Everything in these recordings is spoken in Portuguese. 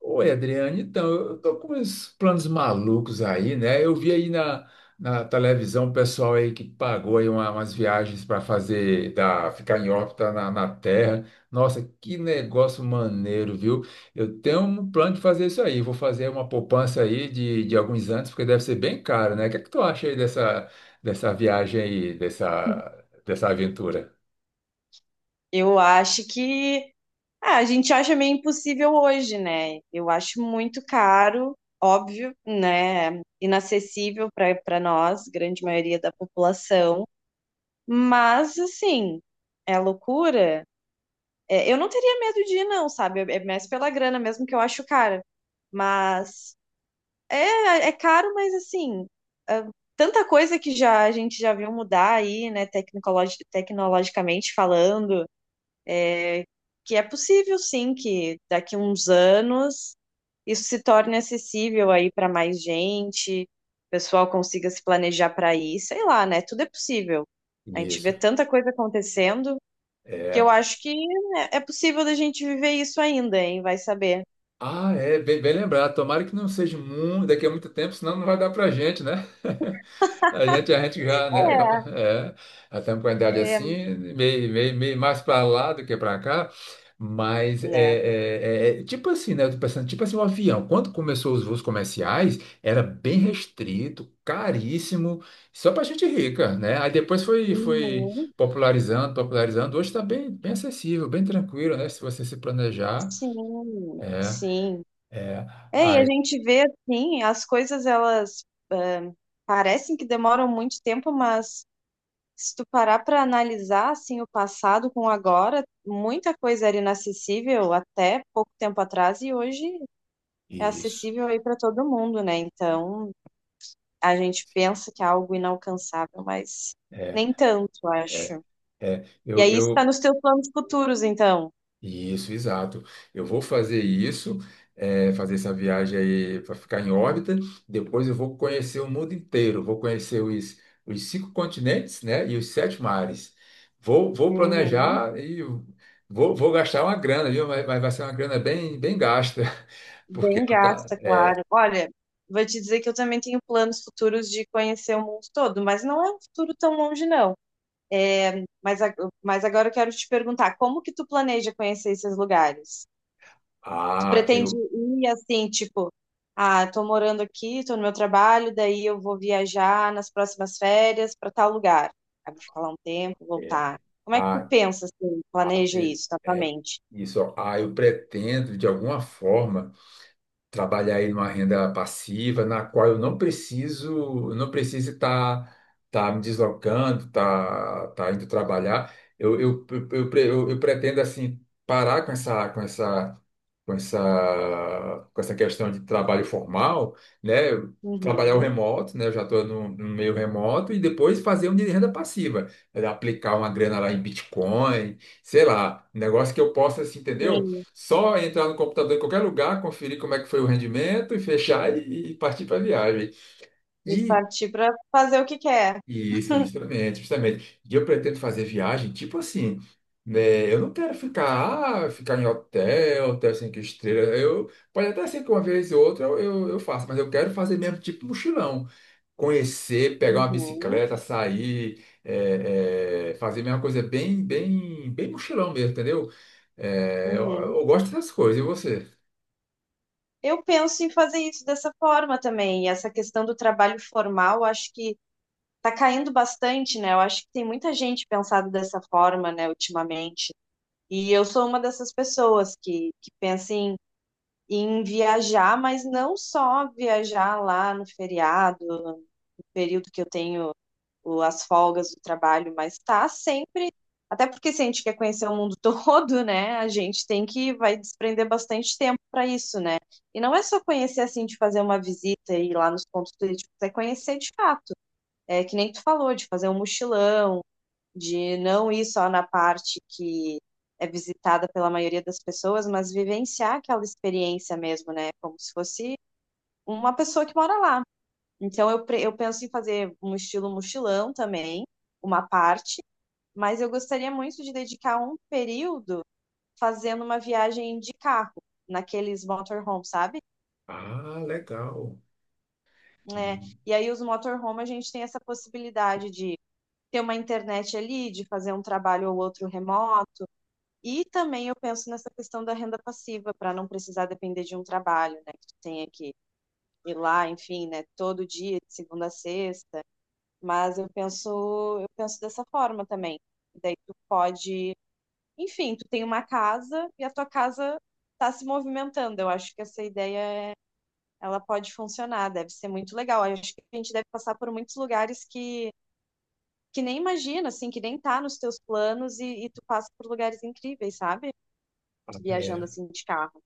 Oi, Adriane, então, eu tô com uns planos malucos aí, né? Eu vi aí na televisão o pessoal aí que pagou aí umas viagens para fazer, ficar em órbita na Terra. Nossa, que negócio maneiro, viu? Eu tenho um plano de fazer isso aí. Vou fazer uma poupança aí de alguns anos, porque deve ser bem caro, né? O que é que tu acha aí dessa viagem aí, dessa aventura? Eu acho que a gente acha meio impossível hoje, né? Eu acho muito caro, óbvio, né? Inacessível para nós, grande maioria da população. Mas assim, é loucura. É, eu não teria medo de ir, não, sabe? É mais pela grana mesmo que eu acho caro. Mas é, é caro, mas assim, é tanta coisa que já a gente já viu mudar aí, né? Tecnologicamente falando, que é possível sim que daqui a uns anos isso se torne acessível aí para mais gente, o pessoal consiga se planejar para ir, sei lá, né? Tudo é possível. A gente vê Isso. tanta coisa acontecendo que eu acho que, né, é possível da gente viver isso ainda, hein? Vai saber. Ah, é, bem, bem lembrado. Tomara que não seja muito, daqui a muito tempo, senão não vai dar pra gente, né? A gente já, né? É, É, já estamos com a idade é, assim, meio mais para lá do que para cá. Mas né? É tipo assim, né? Eu tô pensando, tipo assim, o avião, quando começou os voos comerciais, era bem restrito, caríssimo, só para gente rica, né? Aí depois foi Uhum, popularizando. Hoje está bem, bem acessível, bem tranquilo, né? Se você se planejar. sim, É. sim. É, É, e a aí, gente vê assim, as coisas elas, ah, parecem que demoram muito tempo, mas se tu parar para analisar assim o passado com o agora, muita coisa era inacessível até pouco tempo atrás e hoje é isso, acessível aí para todo mundo, né? Então, a gente pensa que é algo inalcançável, mas é, nem tanto, é, acho. é, E aí isso está nos eu, teus planos futuros, então. Isso, exato. Eu vou fazer isso, é, fazer essa viagem aí para ficar em órbita. Depois eu vou conhecer o mundo inteiro, vou conhecer os cinco continentes, né, e os sete mares. Vou Uhum. planejar e vou gastar uma grana, viu? Mas vai ser uma grana bem, bem gasta, porque Bem não tá. gasta, claro. Olha, vou te dizer que eu também tenho planos futuros de conhecer o mundo todo, mas não é um futuro tão longe, não. É, mas, mas agora eu quero te perguntar, como que tu planeja conhecer esses lugares? Tu Ah, pretende eu, ir assim, tipo, ah, tô morando aqui, tô no meu trabalho, daí eu vou viajar nas próximas férias para tal lugar. Aí vou ficar lá um tempo, é, voltar. Como é que tu ah, pensa assim, planeja isso na tua é, mente? isso, ó. Ah, Eu pretendo de alguma forma trabalhar aí numa renda passiva, na qual eu não preciso estar tá me deslocando, tá indo trabalhar. Eu pretendo assim parar com essa questão de trabalho formal, né? Eu trabalhar o Uhum, remoto, né? Eu já estou no meio remoto e depois fazer um de renda passiva. Era aplicar uma grana lá em Bitcoin, sei lá, um negócio que eu possa, assim, entendeu? sim. Só entrar no computador em qualquer lugar, conferir como é que foi o rendimento e fechar e partir para a viagem. E E partir para fazer o que quer. isso, justamente. E eu pretendo fazer viagem, tipo assim, né? Eu não quero ficar, ah, ficar em hotel, hotel cinco estrelas. Eu, pode até ser que uma vez ou outra eu faça, mas eu quero fazer mesmo tipo mochilão. Conhecer, pegar uma Uhum, bicicleta, sair, fazer mesma coisa bem, bem mochilão mesmo, entendeu? É, eu, uhum. eu gosto dessas coisas, e você? Eu penso em fazer isso dessa forma também. E essa questão do trabalho formal, acho que tá caindo bastante, né? Eu acho que tem muita gente pensado dessa forma, né, ultimamente. E eu sou uma dessas pessoas que pensa em, em viajar, mas não só viajar lá no feriado, no período que eu tenho as folgas do trabalho, mas tá sempre. Até porque se a gente quer conhecer o mundo todo, né, a gente tem que vai desprender bastante tempo para isso, né? E não é só conhecer assim de fazer uma visita e ir lá nos pontos turísticos, é conhecer de fato, é, que nem tu falou, de fazer um mochilão, de não ir só na parte que é visitada pela maioria das pessoas, mas vivenciar aquela experiência mesmo, né? Como se fosse uma pessoa que mora lá. Então, eu, eu penso em fazer um estilo mochilão também, uma parte, mas eu gostaria muito de dedicar um período fazendo uma viagem de carro, naqueles motorhome, sabe? Ah, legal. É, Hum. e aí, os motorhome, a gente tem essa possibilidade de ter uma internet ali, de fazer um trabalho ou outro remoto. E também eu penso nessa questão da renda passiva, para não precisar depender de um trabalho, né? Que tu tenha que ir lá, enfim, né? Todo dia, de segunda a sexta. Mas eu penso dessa forma também. Daí tu pode, enfim, tu tem uma casa e a tua casa está se movimentando. Eu acho que essa ideia é- ela pode funcionar, deve ser muito legal. Eu acho que a gente deve passar por muitos lugares que nem imagina, assim, que nem tá nos teus planos e tu passa por lugares incríveis, sabe? Viajando É. assim de carro.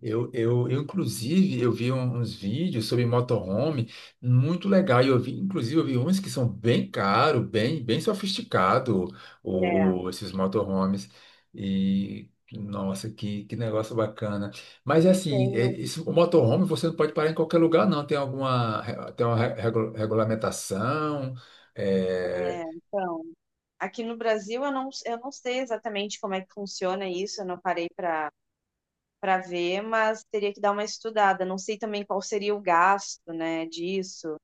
Eu, inclusive, eu vi uns vídeos sobre motorhome muito legal. E eu vi, inclusive, eu vi uns que são bem caro, bem, bem sofisticado, É, esses motorhomes. E, nossa, que negócio bacana. Mas, é assim, é, tenho, isso, o motorhome você não pode parar em qualquer lugar, não. Tem uma regulamentação, é. é, então, aqui no Brasil eu não sei exatamente como é que funciona isso, eu não parei para, para ver, mas teria que dar uma estudada. Não sei também qual seria o gasto, né, disso,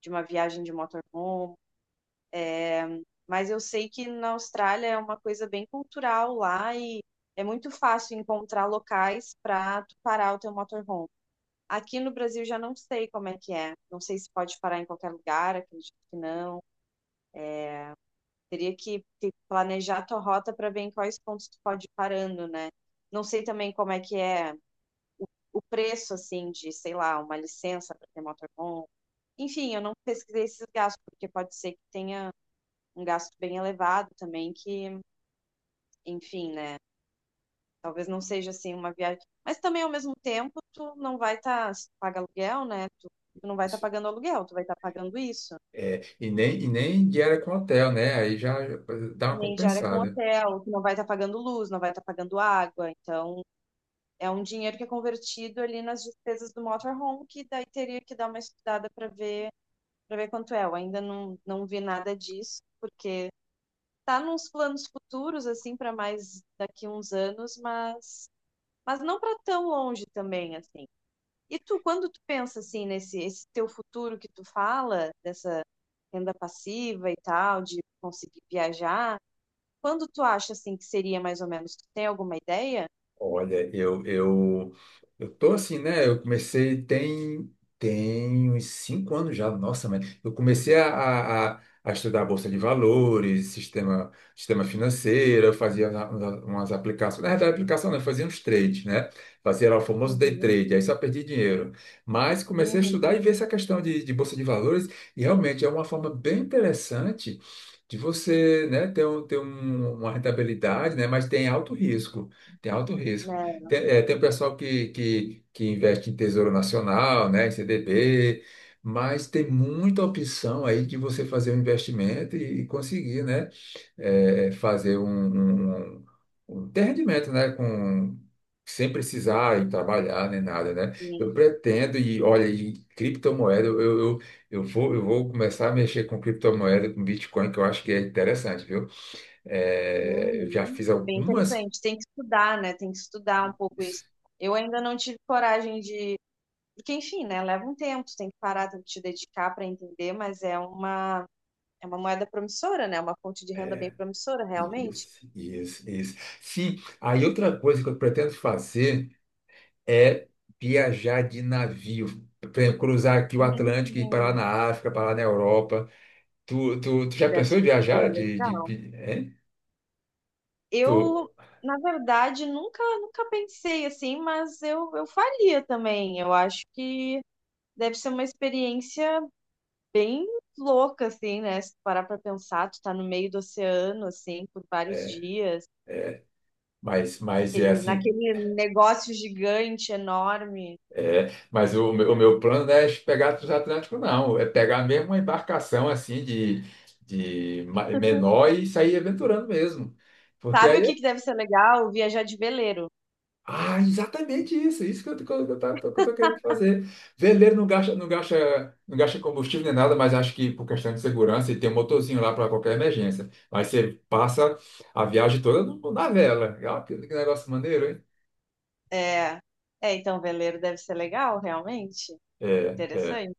de uma viagem de motorhome, mas eu sei que na Austrália é uma coisa bem cultural lá e é muito fácil encontrar locais para tu parar o teu motorhome. Aqui no Brasil já não sei como é que é. Não sei se pode parar em qualquer lugar, acredito que não. Teria que planejar a tua rota para ver em quais pontos tu pode ir parando, né? Não sei também como é que é o preço, assim, de, sei lá, uma licença para ter motorhome. Enfim, eu não pesquisei esses gastos, porque pode ser que tenha um gasto bem elevado também, que, enfim, né? Talvez não seja, assim, uma viagem. Mas também, ao mesmo tempo, tu não vai estar, se tu paga aluguel, né? Tu, tu não vai estar Isso. pagando aluguel, tu vai estar pagando isso. É, e nem diária com hotel, né? Aí já dá uma Nem diária com compensada. hotel, que não vai estar pagando luz, não vai estar pagando água. Então, é um dinheiro que é convertido ali nas despesas do motorhome, que daí teria que dar uma estudada para ver quanto é. Eu ainda não, não vi nada disso, porque tá nos planos futuros assim para mais daqui uns anos, mas não para tão longe também assim. E tu, quando tu pensa assim nesse esse teu futuro que tu fala dessa renda passiva e tal, de conseguir viajar, quando tu acha assim que seria mais ou menos? Tu tem alguma ideia? Olha, eu tô assim, né? Tem uns cinco anos já, nossa, mas eu comecei a estudar Bolsa de Valores, sistema financeiro, eu fazia umas aplicações, na verdade, aplicação não, eu fazia uns trades, né? Fazia lá o famoso day Uhum, trade, aí só perdi dinheiro. Mas comecei a uhum, estudar e ver essa questão de Bolsa de Valores, e realmente é uma forma bem interessante de você, né, ter, um, ter uma rentabilidade, né? Mas tem alto risco. Tem alto risco. né? Tem, é, tem o pessoal que investe em Tesouro Nacional, né, em CDB, mas tem muita opção aí de você fazer um investimento e conseguir, né, é, fazer um ter rendimento, né, com, sem precisar ir trabalhar nem nada, né? Eu Sim. pretendo e olha, e criptomoeda, eu vou começar a mexer com criptomoeda, com Bitcoin, que eu acho que é interessante, viu? É, eu já Uhum. fiz É bem algumas. interessante. Tem que estudar, né? Tem que estudar um pouco isso. Eu ainda não tive coragem de. Porque, enfim, né? Leva um tempo, tu tem que parar, tem que te dedicar para entender, mas é uma moeda promissora, né? É uma fonte de renda bem promissora, realmente. Isso, isso, isso. Sim, aí outra coisa que eu pretendo fazer é viajar de navio. Por exemplo, cruzar aqui o Atlântico e ir para lá Hum, na África, para lá na Europa. Tu já deve pensou em ser viajar legal. Hein? Tu, Eu, na verdade, nunca, nunca pensei assim, mas eu faria também. Eu acho que deve ser uma experiência bem louca, assim, né? Se tu parar pra pensar, tu tá no meio do oceano, assim, por vários é, dias, é, mas é aquele, assim, naquele negócio gigante, enorme, é, mas meu o né? meu plano não é pegar transatlântico, não. É pegar mesmo uma embarcação assim de menor e sair aventurando mesmo. Porque Sabe o aí que que deve ser legal? Viajar de veleiro. ah, exatamente isso. Isso que eu tô querendo fazer. Veleiro não gasta combustível nem nada, mas acho que por questão de segurança, e tem um motorzinho lá para qualquer emergência. Mas você passa a viagem toda na vela. Ah, que negócio maneiro, hein? É, é, então, veleiro deve ser legal, realmente. É, é, Interessante.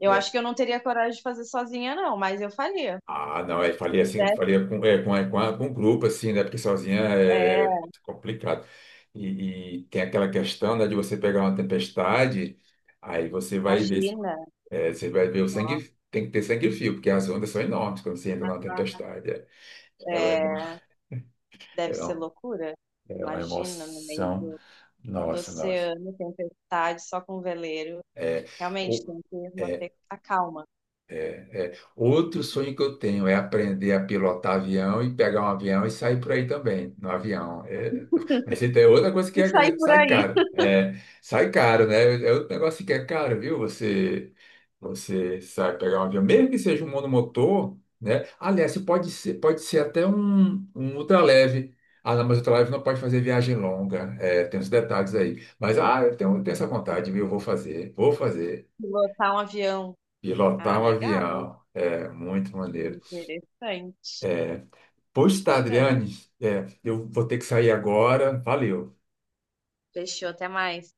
Eu acho é. que eu não teria coragem de fazer sozinha, não, mas eu faria. Ah, não, eu falei Se assim, tivesse, falei com, é, com, é, com, a- com um grupo, assim, né? Porque sozinha é é, complicado. E tem aquela questão, né, de você pegar uma tempestade, aí você vai ver. imagina, É, você vai ver o nossa, sangue, tem que ter sangue frio, porque as ondas são enormes quando você entra na tempestade. É, é, uma, emo- é, deve é, ser uma, loucura. é uma Imagina, no meio emoção. do Nossa, nossa. oceano, tempestade, só com veleiro. É, Realmente, o- tem que é, manter a calma. é. Outro sonho que eu tenho é aprender a pilotar avião e pegar um avião e sair por aí também, no avião. É, mas isso é outra coisa que E sair é- por sai aí, caro. É, sai caro, né? É outro negócio que é caro, viu? Você, você sai pegar um avião, mesmo que seja um monomotor, né? Aliás, você pode ser até um ultraleve. Ah, não, mas ultraleve não pode fazer viagem longa. É, tem uns detalhes aí. Mas, ah, eu tenho, tenho essa vontade, viu? Eu vou fazer, vou fazer. pilotar um avião. Ah, Pilotar um legal, né? avião. É, muito maneiro. Interessante, É, pois tá, bacana. Adriane, é, eu vou ter que sair agora. Valeu. Fechou, até mais.